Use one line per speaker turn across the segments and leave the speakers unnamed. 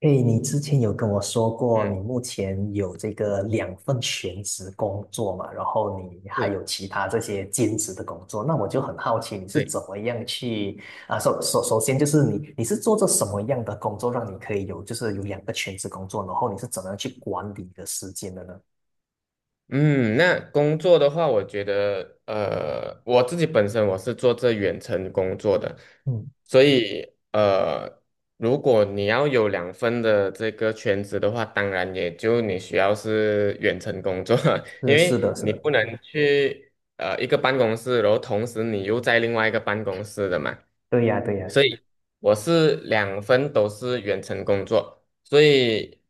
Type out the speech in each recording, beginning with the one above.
诶，你之前有跟我说过，你目前有这个两份全职工作嘛，然后你还
是，
有其他这些兼职的工作，那我就很好奇，你是
对，
怎么样去啊？首先就是你是做着什么样的工作，让你可以有就是有两个全职工作，然后你是怎么样去管理你的时间的呢？
嗯，那工作的话，我觉得，我自己本身我是做这远程工作的，
嗯，
所以，呃，如果你要有两份的这个全职的话，当然也就你需要是远程工作，因
是是
为
的，是
你
的，
不能去一个办公室，然后同时你又在另外一个办公室的嘛。
对呀，对呀，
所以我是两份都是远程工作，所以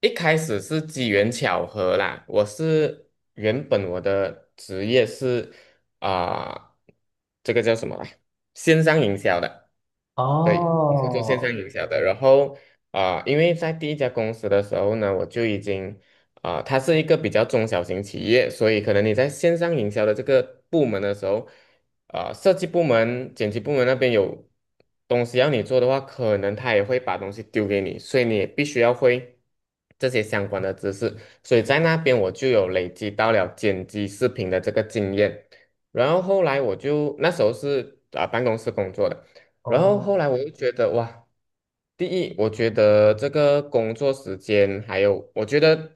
一开始是机缘巧合啦。我是原本我的职业是啊、这个叫什么来？线上营销的，对，我是做线上
哦
营销的。然后因为在第一家公司的时候呢，我就已经它是一个比较中小型企业，所以可能你在线上营销的这个部门的时候，设计部门、剪辑部门那边有东西要你做的话，可能他也会把东西丢给你，所以你也必须要会这些相关的知识。所以在那边我就有累积到了剪辑视频的这个经验，然后后来我就那时候是办公室工作的。然后后
哦，
来我又觉得哇，第一，我觉得这个工作时间还有，我觉得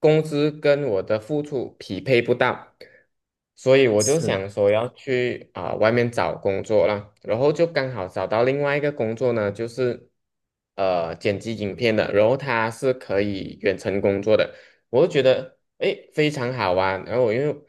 工资跟我的付出匹配不到，所以我就
是。
想说要去外面找工作啦，然后就刚好找到另外一个工作呢，就是剪辑影片的，然后它是可以远程工作的。我就觉得诶非常好玩。然后我又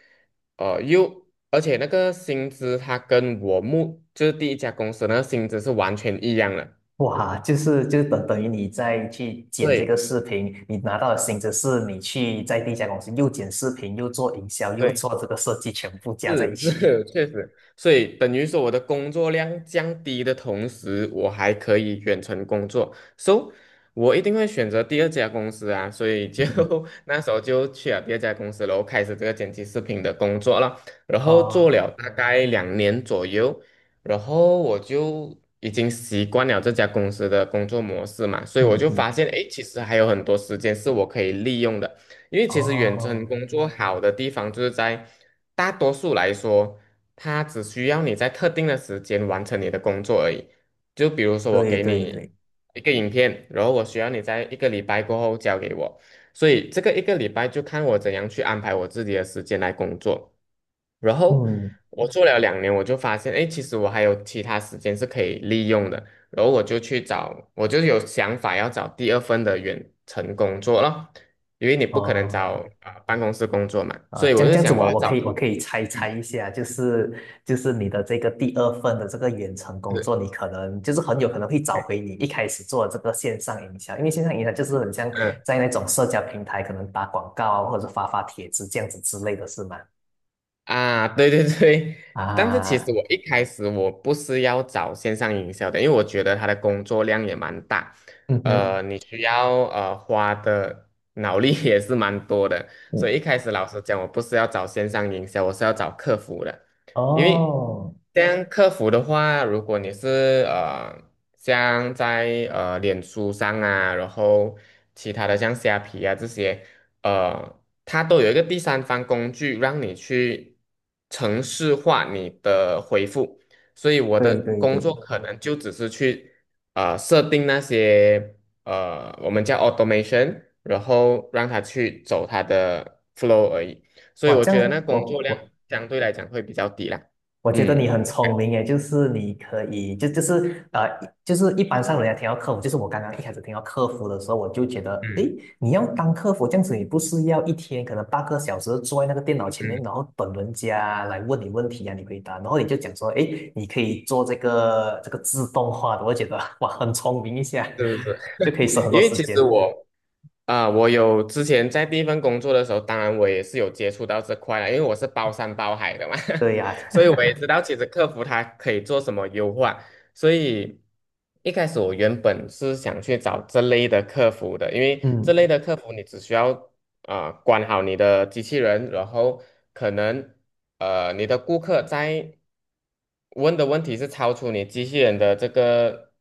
而且那个薪资它跟我就是第一家公司那个薪资是完全一样的，
哇，就是等等于你再去剪这个
对
视频，你拿到的薪资是你去在第一家公司又剪视频，又做营销，又
对，
做这个设计，全部加在一
是
起。
是，确实，所以等于说我的工作量降低的同时，我还可以远程工作，so 我一定会选择第二家公司啊，所以就
嗯，
那时候就去了第二家公司，然后开始这个剪辑视频的工作了，然 后做
哦，
了大概两年左右，然后我就已经习惯了这家公司的工作模式嘛，所以我
嗯
就发
嗯，
现，诶，其实还有很多时间是我可以利用的。因为其实远程
哦，
工作好的地方就是在大多数来说，它只需要你在特定的时间完成你的工作而已。就比如说我
对
给
对
你
对，
一个影片，然后我需要你在一个礼拜过后交给我，所以这个一个礼拜就看我怎样去安排我自己的时间来工作。然后
嗯，
我做了两年，我就发现，哎，其实我还有其他时间是可以利用的。然后我就去找，我就有想法要找第二份的远程工作了。因为你不可能
哦。
找办公室工作嘛，
啊，
所以
这
我
样
就
这样子
想我
我
要
我可
找，
以我可以猜猜
嗯，
一下，就是你的这个第二份的这个远程工作，
对，
你可能就是很有可能会找
嗯。
回你一开始做的这个线上营销，因为线上营销就是很像在那种社交平台可能打广告啊，或者发发帖子这样子之类的是吗？
啊，对对对，但是其
啊，
实我一开始我不是要找线上营销的，因为我觉得他的工作量也蛮大，
嗯哼，
你需要花的脑力 也是蛮多的，所
嗯，
以一开始老实讲，我不是要找线上营销，我是要找客服的，因为
哦，
像客服的话，如果你是像在脸书上啊，然后其他的像虾皮啊这些。呃，它都有一个第三方工具让你去程式化你的回复，所以我
对
的
对
工作
对，
可能就只是去设定那些我们叫 automation，然后让它去走它的 flow 而已，所以
哇，
我
这
觉得那
样
工作
我
量
我
相对来讲会比较低啦。
我觉得你
嗯
很聪明诶，就是你可以，就就是就是一般上人家听到客服，就是我刚刚一开始听到客服的时候，我就觉得，诶，
嗯
你要当客服这样子，你不是要一天可能8个小时坐在那个电脑前面，
嗯，
然后等人家来问你问题啊，你回答，然后你就讲说，诶，你可以做这个自动化的，我觉得哇，很聪明一下，
是是是。
就可以省 很
因
多
为
时
其实
间。
我啊，我有之前在第一份工作的时候，当然我也是有接触到这块了，因为我是包山包海的嘛，
对呀、
所以我也知 道其实客服它可以做什么优化。所以一开始我原本是想去找这类的客服的，因为这类
嗯，
的客服你只需要管好你的机器人，然后可能你的顾客在问的问题是超出你机器人的这个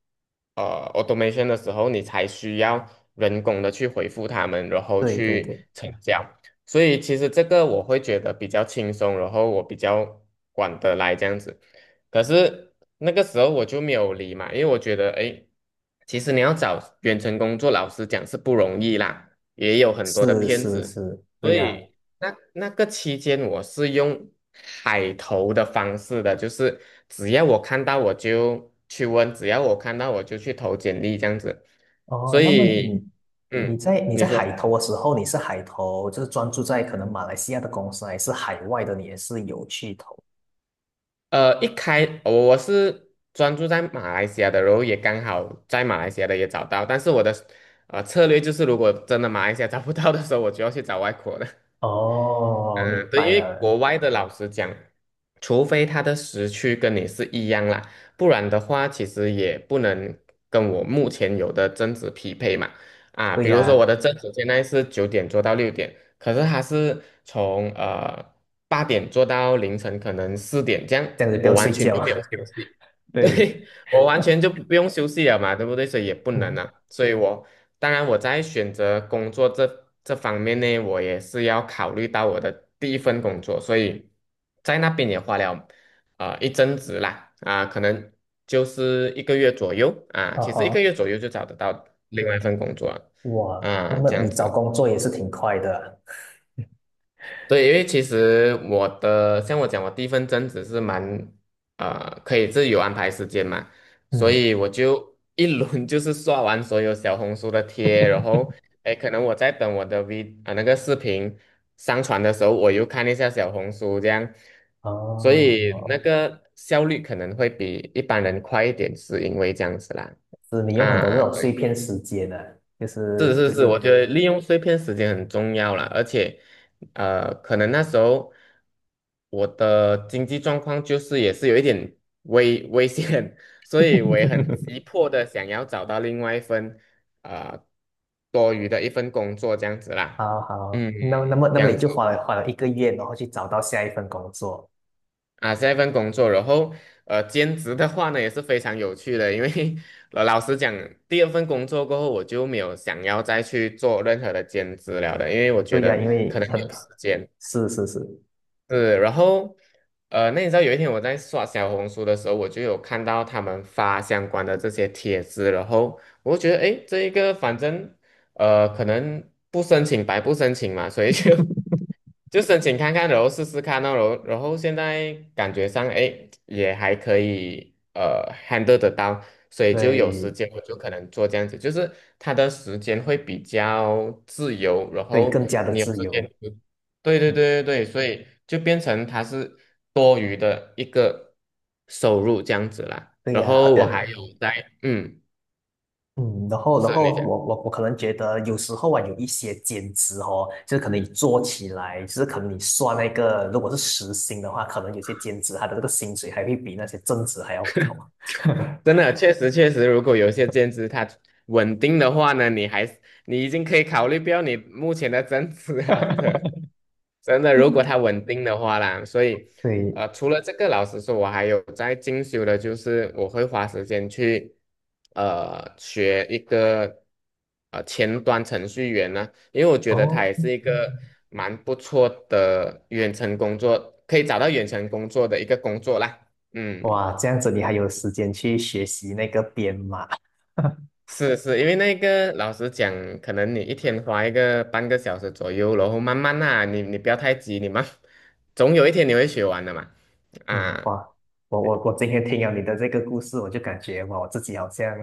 automation 的时候，你才需要人工的去回复他们，然后
对对
去
对，
成交。所以其实这个我会觉得比较轻松，然后我比较管得来这样子。可是那个时候我就没有理嘛，因为我觉得，诶，其实你要找远程工作老师讲是不容易啦。也有很多的
是
骗
是
子，
是，对
所
呀、
以那个期间我是用海投的方式的，就是只要我看到我就去问，只要我看到我就去投简历这样子，
哦，
所
那么
以
你你
嗯，
在你
你
在海
说。
投的时候，你是海投，就是专注在可能马来西亚的公司，还是海外的，你也是有去投？
一开我是专注在马来西亚的，然后也刚好在马来西亚的也找到，但是我的策略就是，如果真的马来西亚找不到的时候，我就要去找外国的。
哦，明
嗯，对，因
白
为
了。
国外的老师讲，除非他的时区跟你是一样啦，不然的话，其实也不能跟我目前有的正值匹配嘛。啊，
对
比如说我
呀，
的正值现在是九点做到六点，可是他是从八点做到凌晨可能四点这样，
这样子不
我
用
完
睡
全就
觉。
没有休息。
对，
对，我完全就不用休息了嘛，对不对？所以也不能
嗯，
啊，所以我当然我在选择工作这方面呢，我也是要考虑到我的第一份工作，所以在那边也花了啊一阵子啦，可能就是一个月左右啊，
啊
其实一个
哈，
月左右就找得到另外一份工作了
哇，那
啊，
么
这样
你找
子。
工作也是挺快的啊
对，因为其实我的，像我讲，我第一份正职是蛮，可以自由安排时间嘛，所
嗯，
以我就一轮 就是刷完所有小红书的贴，然后，哎，可能我在等我的 V 那个视频上传的时候，我又看一下小红书这样，所以那
哦，
个效率可能会比一般人快一点，是因为这样子啦，
是你用很多这
啊。
种碎片时间呢、就
是
是，
是是，我觉得利用碎片时间很重要啦，而且，可能那时候我的经济状况就是也是有一点危险，所以我也很 急迫的想要找到另外一份啊多余的一份工作这样子啦，
好好，
嗯，
那那么那
这
么你
样
就
子，
花了1个月，然后去找到下一份工作。
啊，这一份工作，然后兼职的话呢也是非常有趣的，因为老实讲，第二份工作过后，我就没有想要再去做任何的兼职了的，因为我觉
对呀、
得
因
可
为
能没
很，
有时间。
是是是，
是，然后那你知道有一天我在刷小红书的时候，我就有看到他们发相关的这些帖子，然后我就觉得，诶，这一个反正可能不申请白不申请嘛，所以就 就申请看看，然后试试看哦，然后现在感觉上，哎，也还可以，handle 得到，所以就有时
对
间我就可能做这样子，就是他的时间会比较自由，然
对，
后
更加的
你有
自
时间
由，
就对对对对对，所以就变成他是多余的一个收入这样子啦。
对
然
呀、很
后我还有在，嗯，
嗯，然后
是你讲。
我可能觉得有时候啊，有一些兼职哦，就是可能你做起来，就是可能你算那个，如果是时薪的话，可能有些兼职它的这个薪水还会比那些正职还要高。
真的，确实确实，如果有一些兼职它稳定的话呢，你还是你已经可以考虑不要你目前的增值了的。真的，如果它 稳定的话啦，所以，
对，
除了这个，老实说，我还有在进修的，就是我会花时间去，学一个，前端程序员呢，因为我觉得
哦，
它也是一个蛮不错的远程工作，可以找到远程工作的一个工作啦，嗯。
哇，这样子你还有时间去学习那个编码。
是是，因为那个老实讲，可能你一天花一个半个小时左右，然后慢慢啊，你不要太急，你慢，总有一天你会学完的嘛。
嗯，
啊
哇，我今天听了你的这个故事，我就感觉哇，我自己好像，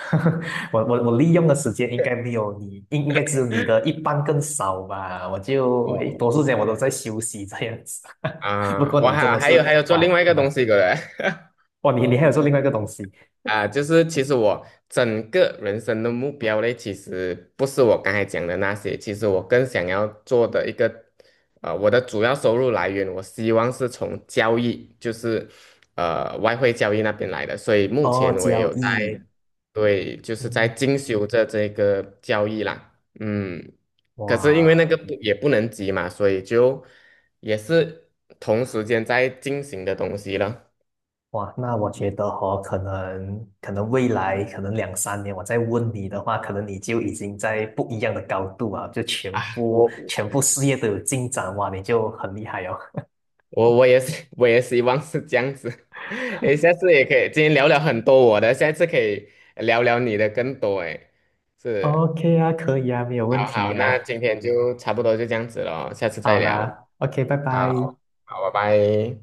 我利用的时间应该没有你，应该只有你的一半更少吧。我就诶
哦，
多数时间我都在休息这样子。不
啊，
过
我
你真
还
的
还
是
有还有做另
哇，
外一个
蛮
东西过来
哇，你你还有做另外一个东西
啊，就是其实我整个人生的目标嘞，其实不是我刚才讲的那些，其实我更想要做的一个，我的主要收入来源，我希望是从交易，就是外汇交易那边来的，所以目
哦，
前我也
交
有在。
易，
对，就是在
嗯，
进修着这个教育啦，嗯，可是因为那
哇。
个不也不能急嘛，所以就也是同时间在进行的东西了
哇，那我觉得哦，可能未来可能2,3年，我再问你的话，可能你就已经在不一样的高度啊，就全
啊。
部
我
全部事业都有进展哇，你就很厉害哦。
我也是，我也希望是这样子。诶，下次也可以，今天聊聊很多我的，下一次可以聊聊你的更多。诶，是，
OK 啊，可以啊，没有问
好
题
好，那
呀、
今天就差不多就这样子了，下次
好
再聊。
啦，OK，拜拜。
好，好，拜拜。